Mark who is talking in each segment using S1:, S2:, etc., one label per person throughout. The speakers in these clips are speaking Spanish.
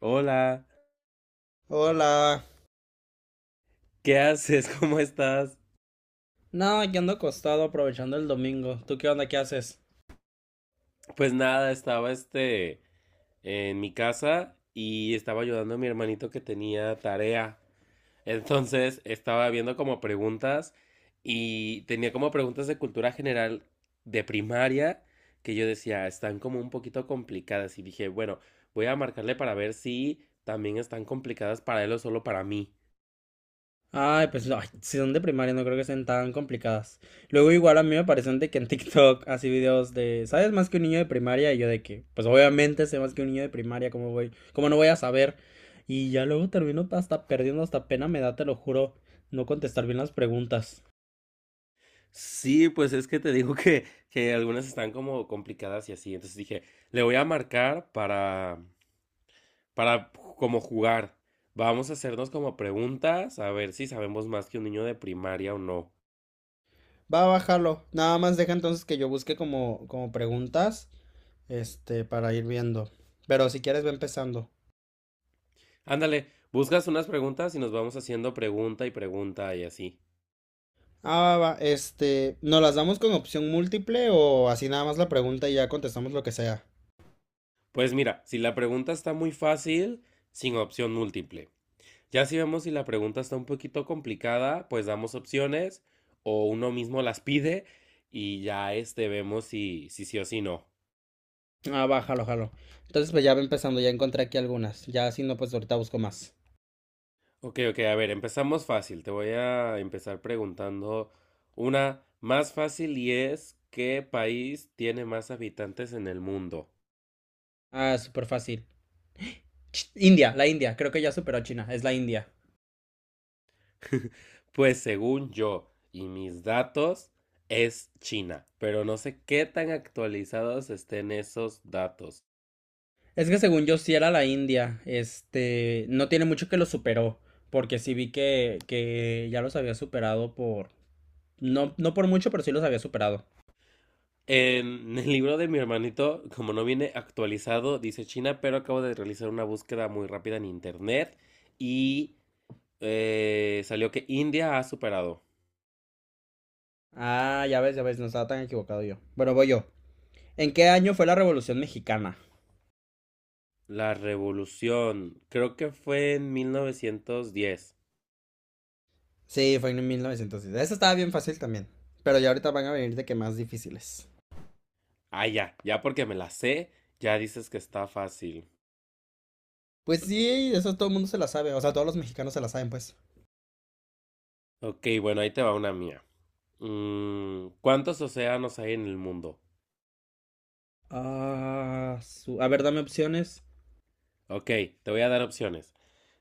S1: Hola,
S2: Hola.
S1: ¿qué haces? ¿Cómo estás?
S2: No, yo ando acostado aprovechando el domingo. ¿Tú qué onda? ¿Qué haces?
S1: Pues nada, estaba en mi casa y estaba ayudando a mi hermanito que tenía tarea. Entonces estaba viendo como preguntas y tenía como preguntas de cultura general de primaria que yo decía, están como un poquito complicadas y dije, bueno, voy a marcarle para ver si también están complicadas para él o solo para mí.
S2: Ay, pues ay, si son de primaria, no creo que sean tan complicadas. Luego igual a mí me parecen de que en TikTok así videos de, ¿sabes más que un niño de primaria? Y yo de que, pues obviamente sé más que un niño de primaria. ¿Cómo voy? ¿Cómo no voy a saber? Y ya luego termino hasta perdiendo, hasta pena me da, te lo juro, no contestar bien las preguntas.
S1: Sí, pues es que te digo que algunas están como complicadas y así. Entonces dije, le voy a marcar para como jugar. Vamos a hacernos como preguntas, a ver si sabemos más que un niño de primaria o no.
S2: Va a bajarlo. Nada más deja entonces que yo busque como preguntas, para ir viendo. Pero si quieres, ve empezando.
S1: Ándale, buscas unas preguntas y nos vamos haciendo pregunta y pregunta y así.
S2: Ah, va, va, ¿nos las damos con opción múltiple o así nada más la pregunta y ya contestamos lo que sea?
S1: Pues mira, si la pregunta está muy fácil, sin opción múltiple. Ya si vemos si la pregunta está un poquito complicada, pues damos opciones o uno mismo las pide y ya vemos si sí o si no.
S2: Ah, va, jalo, jalo. Entonces, pues ya va empezando, ya encontré aquí algunas. Ya si no, pues ahorita busco más.
S1: Ok, ok, a ver, empezamos fácil. Te voy a empezar preguntando una más fácil y es ¿qué país tiene más habitantes en el mundo?
S2: Ah, súper fácil. India, la India, creo que ya superó a China, es la India.
S1: Pues según yo y mis datos es China, pero no sé qué tan actualizados estén esos datos.
S2: Es que según yo sí era la India, no tiene mucho que lo superó, porque sí vi que ya los había superado por, no, no por mucho, pero sí los había superado.
S1: En el libro de mi hermanito, como no viene actualizado, dice China, pero acabo de realizar una búsqueda muy rápida en internet y salió que India ha superado.
S2: Ah, ya ves, no estaba tan equivocado yo. Bueno, voy yo. ¿En qué año fue la Revolución Mexicana?
S1: La revolución, creo que fue en 1910.
S2: Sí, fue en 1900. Eso estaba bien fácil también. Pero ya ahorita van a venir de que más difíciles.
S1: Ah, ya, ya porque me la sé, ya dices que está fácil.
S2: Pues sí, eso todo el mundo se la sabe. O sea, todos los mexicanos se la saben, pues.
S1: Ok, bueno, ahí te va una mía. ¿Cuántos océanos hay en el mundo?
S2: Ah, a ver, dame opciones.
S1: Ok, te voy a dar opciones.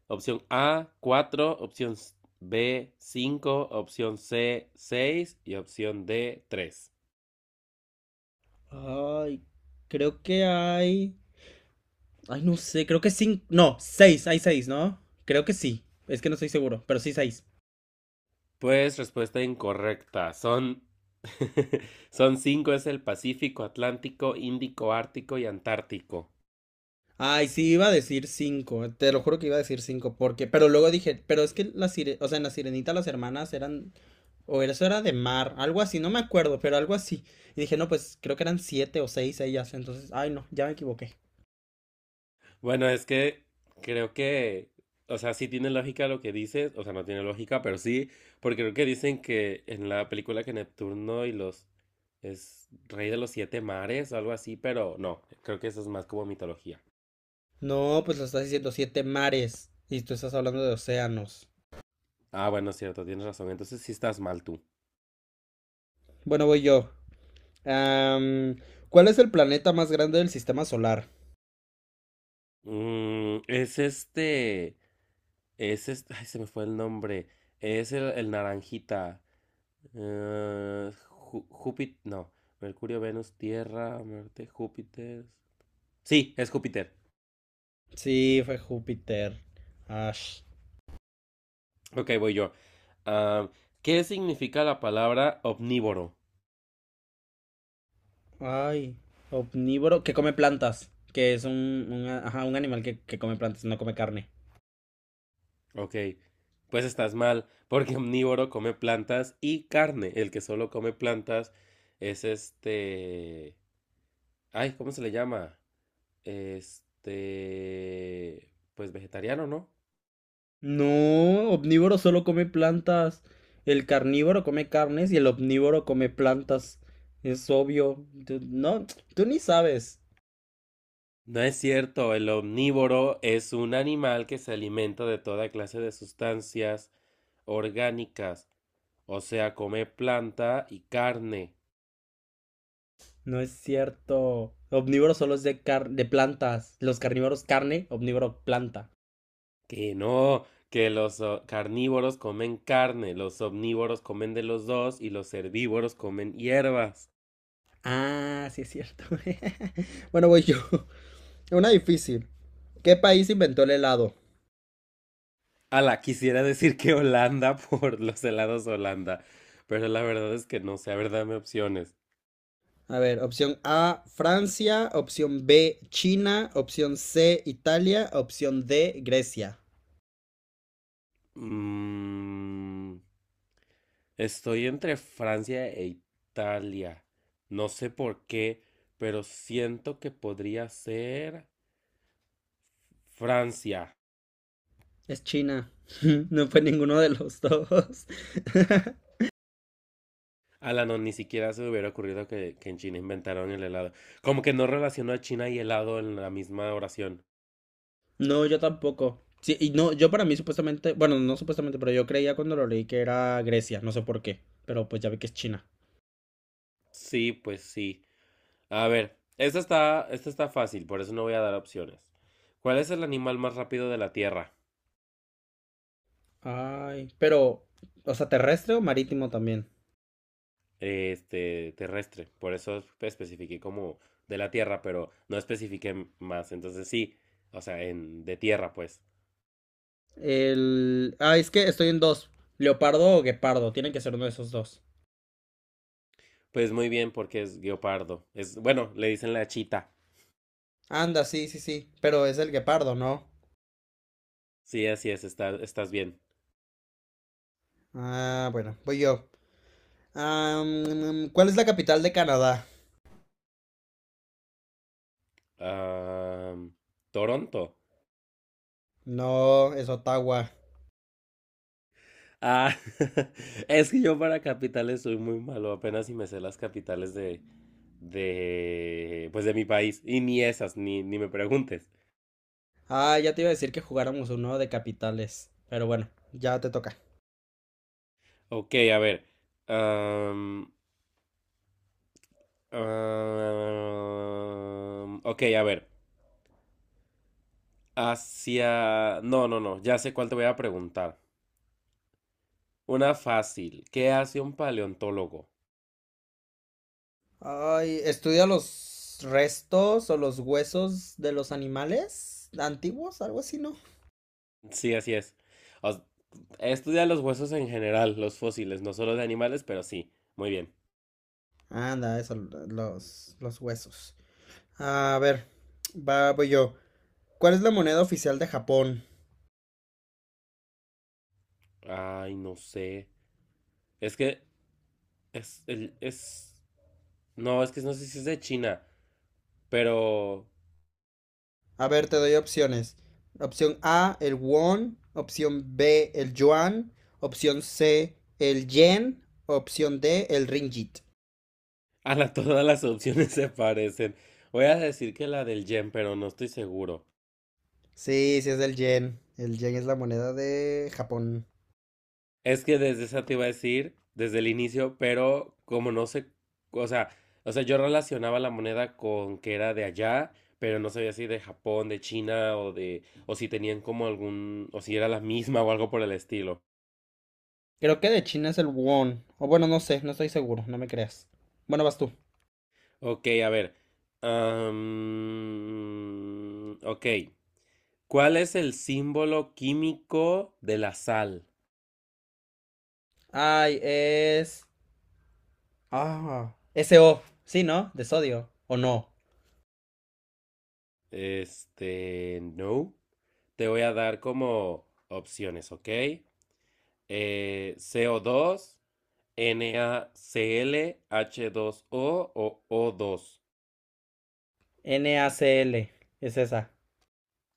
S1: Opción A, cuatro, opción B, cinco, opción C, seis, y opción D, tres.
S2: Ay, creo que hay. Ay, no sé, creo que cinco. No, seis, hay seis, ¿no? Creo que sí. Es que no estoy seguro, pero sí seis.
S1: Pues respuesta incorrecta. Son son cinco: es el Pacífico, Atlántico, Índico, Ártico y Antártico.
S2: Ay, sí, iba a decir cinco. Te lo juro que iba a decir cinco, porque. Pero luego dije, pero es que la o sea, en la sirenita las hermanas eran. O eso era de mar, algo así, no me acuerdo, pero algo así. Y dije, no, pues creo que eran siete o seis ellas. Entonces, ay, no, ya me equivoqué.
S1: Bueno, es que creo que, o sea, sí tiene lógica lo que dices, o sea, no tiene lógica, pero sí, porque creo que dicen que en la película que Neptuno y los, es rey de los siete mares o algo así, pero no, creo que eso es más como mitología.
S2: No, pues lo estás diciendo siete mares. Y tú estás hablando de océanos.
S1: Ah, bueno, cierto, tienes razón. Entonces sí estás mal tú.
S2: Bueno, voy yo. Am, ¿Cuál es el planeta más grande del sistema solar?
S1: Es este. Es este. Ay, se me fue el nombre. Es el naranjita. Júpiter. No. Mercurio, Venus, Tierra, Marte, Júpiter. Sí, es Júpiter.
S2: Sí, fue Júpiter. Ash.
S1: Ok, voy yo. Ah, ¿qué significa la palabra omnívoro?
S2: Ay, omnívoro que come plantas. Que es ajá, un animal que come plantas, no come carne.
S1: Ok, pues estás mal, porque omnívoro come plantas y carne. El que solo come plantas es este. Ay, ¿cómo se le llama? Pues vegetariano, ¿no?
S2: No, omnívoro solo come plantas. El carnívoro come carnes y el omnívoro come plantas. Es obvio. No, tú ni sabes.
S1: No es cierto, el omnívoro es un animal que se alimenta de toda clase de sustancias orgánicas, o sea, come planta y carne.
S2: No es cierto. Omnívoro solo es de de plantas. Los carnívoros carne, omnívoro planta.
S1: Que no, que los carnívoros comen carne, los omnívoros comen de los dos y los herbívoros comen hierbas.
S2: Ah, sí es cierto. Bueno, voy yo. Una difícil. ¿Qué país inventó el helado?
S1: Ala, quisiera decir que Holanda por los helados Holanda, pero la verdad es que no sé, a ver, dame opciones.
S2: A ver, opción A, Francia, opción B, China, opción C, Italia, opción D, Grecia.
S1: Mm, Estoy entre Francia e Italia. No sé por qué, pero siento que podría ser Francia.
S2: Es China. No fue ninguno de los dos.
S1: Ala, no, ni siquiera se me hubiera ocurrido que en China inventaron el helado. Como que no relacionó a China y helado en la misma oración.
S2: No, yo tampoco. Sí, y no, yo para mí supuestamente, bueno, no supuestamente, pero yo creía cuando lo leí que era Grecia, no sé por qué, pero pues ya vi que es China.
S1: Sí, pues sí. A ver, esta está fácil, por eso no voy a dar opciones. ¿Cuál es el animal más rápido de la Tierra?
S2: Ay, pero, o sea, ¿terrestre o marítimo también?
S1: Terrestre. Por eso especifiqué como de la tierra, pero no especifiqué más. Entonces sí, o sea, en, de tierra, pues.
S2: El... Ah, es que estoy en dos. Leopardo o guepardo, tiene que ser uno de esos dos.
S1: Pues muy bien, porque es guepardo. Es, bueno, le dicen la chita.
S2: Anda, sí, sí, sí, pero es el guepardo, ¿no?
S1: Sí, así es, estás bien.
S2: Ah, bueno, voy yo. ¿Cuál es la capital de Canadá?
S1: Ah, Toronto.
S2: No, es Ottawa.
S1: Ah, es que yo para capitales soy muy malo, apenas si me sé las capitales de, pues de mi país. Y ni esas, ni me preguntes.
S2: Ah, ya te iba a decir que jugáramos uno de capitales, pero bueno, ya te toca.
S1: Ok, a ver. am, Ah, ok, a ver. No, no, no. Ya sé cuál te voy a preguntar. Una fácil. ¿Qué hace un paleontólogo?
S2: Ay, estudia los restos o los huesos de los animales antiguos, algo así, ¿no?
S1: Sí, así es. O s- Estudia los huesos en general, los fósiles, no solo de animales, pero sí. Muy bien.
S2: Anda, eso, los huesos. A ver, va, voy yo. ¿Cuál es la moneda oficial de Japón?
S1: Ay, no sé. Es que es el es no, es que no sé si es de China, pero
S2: A ver, te doy opciones. Opción A, el won. Opción B, el yuan. Opción C, el yen. Opción D, el ringgit.
S1: a la, todas las opciones se parecen. Voy a decir que la del yen, pero no estoy seguro.
S2: Sí, sí es del yen. El yen es la moneda de Japón.
S1: Es que desde esa te iba a decir, desde el inicio, pero como no sé, o sea, o sea, yo relacionaba la moneda con que era de allá, pero no sabía si de Japón, de China o de, o si tenían como algún, o si era la misma o algo por el estilo.
S2: Creo que de China es el won. O bueno, no sé, no estoy seguro, no me creas. Bueno, vas tú.
S1: Ok, a ver. Ok. ¿Cuál es el símbolo químico de la sal?
S2: Ay, es... Ah, SO. Sí, ¿no? De sodio. ¿O no?
S1: No. Te voy a dar como opciones, ¿ok? CO2, NaClH2O o O2.
S2: NaCl. Es esa.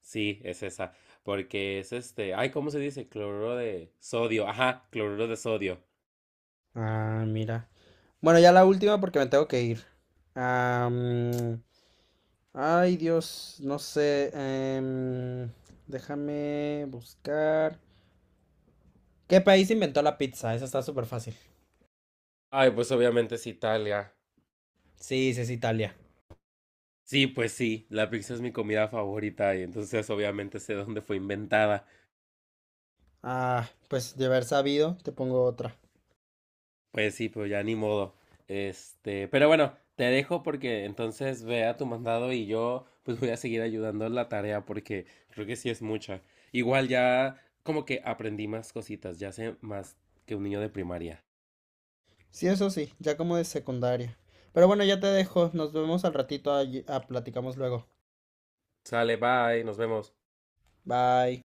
S1: Sí, es esa. Porque es este. Ay, ¿cómo se dice? Cloruro de sodio. Ajá, cloruro de sodio.
S2: Ah, mira. Bueno, ya la última porque me tengo que ir. Am, Ay, Dios, no sé. Déjame buscar. ¿Qué país inventó la pizza? Esa está súper fácil.
S1: Ay, pues obviamente es Italia.
S2: Sí, sí, es Italia.
S1: Sí, pues sí, la pizza es mi comida favorita y entonces obviamente sé dónde fue inventada.
S2: Ah, pues de haber sabido, te pongo otra.
S1: Pues sí, pues ya ni modo. Pero bueno, te dejo porque entonces ve a tu mandado y yo pues voy a seguir ayudando en la tarea porque creo que sí es mucha. Igual ya como que aprendí más cositas, ya sé más que un niño de primaria.
S2: Sí, eso sí, ya como de secundaria. Pero bueno, ya te dejo. Nos vemos al ratito. Ah, platicamos luego.
S1: Sale, bye, nos vemos.
S2: Bye.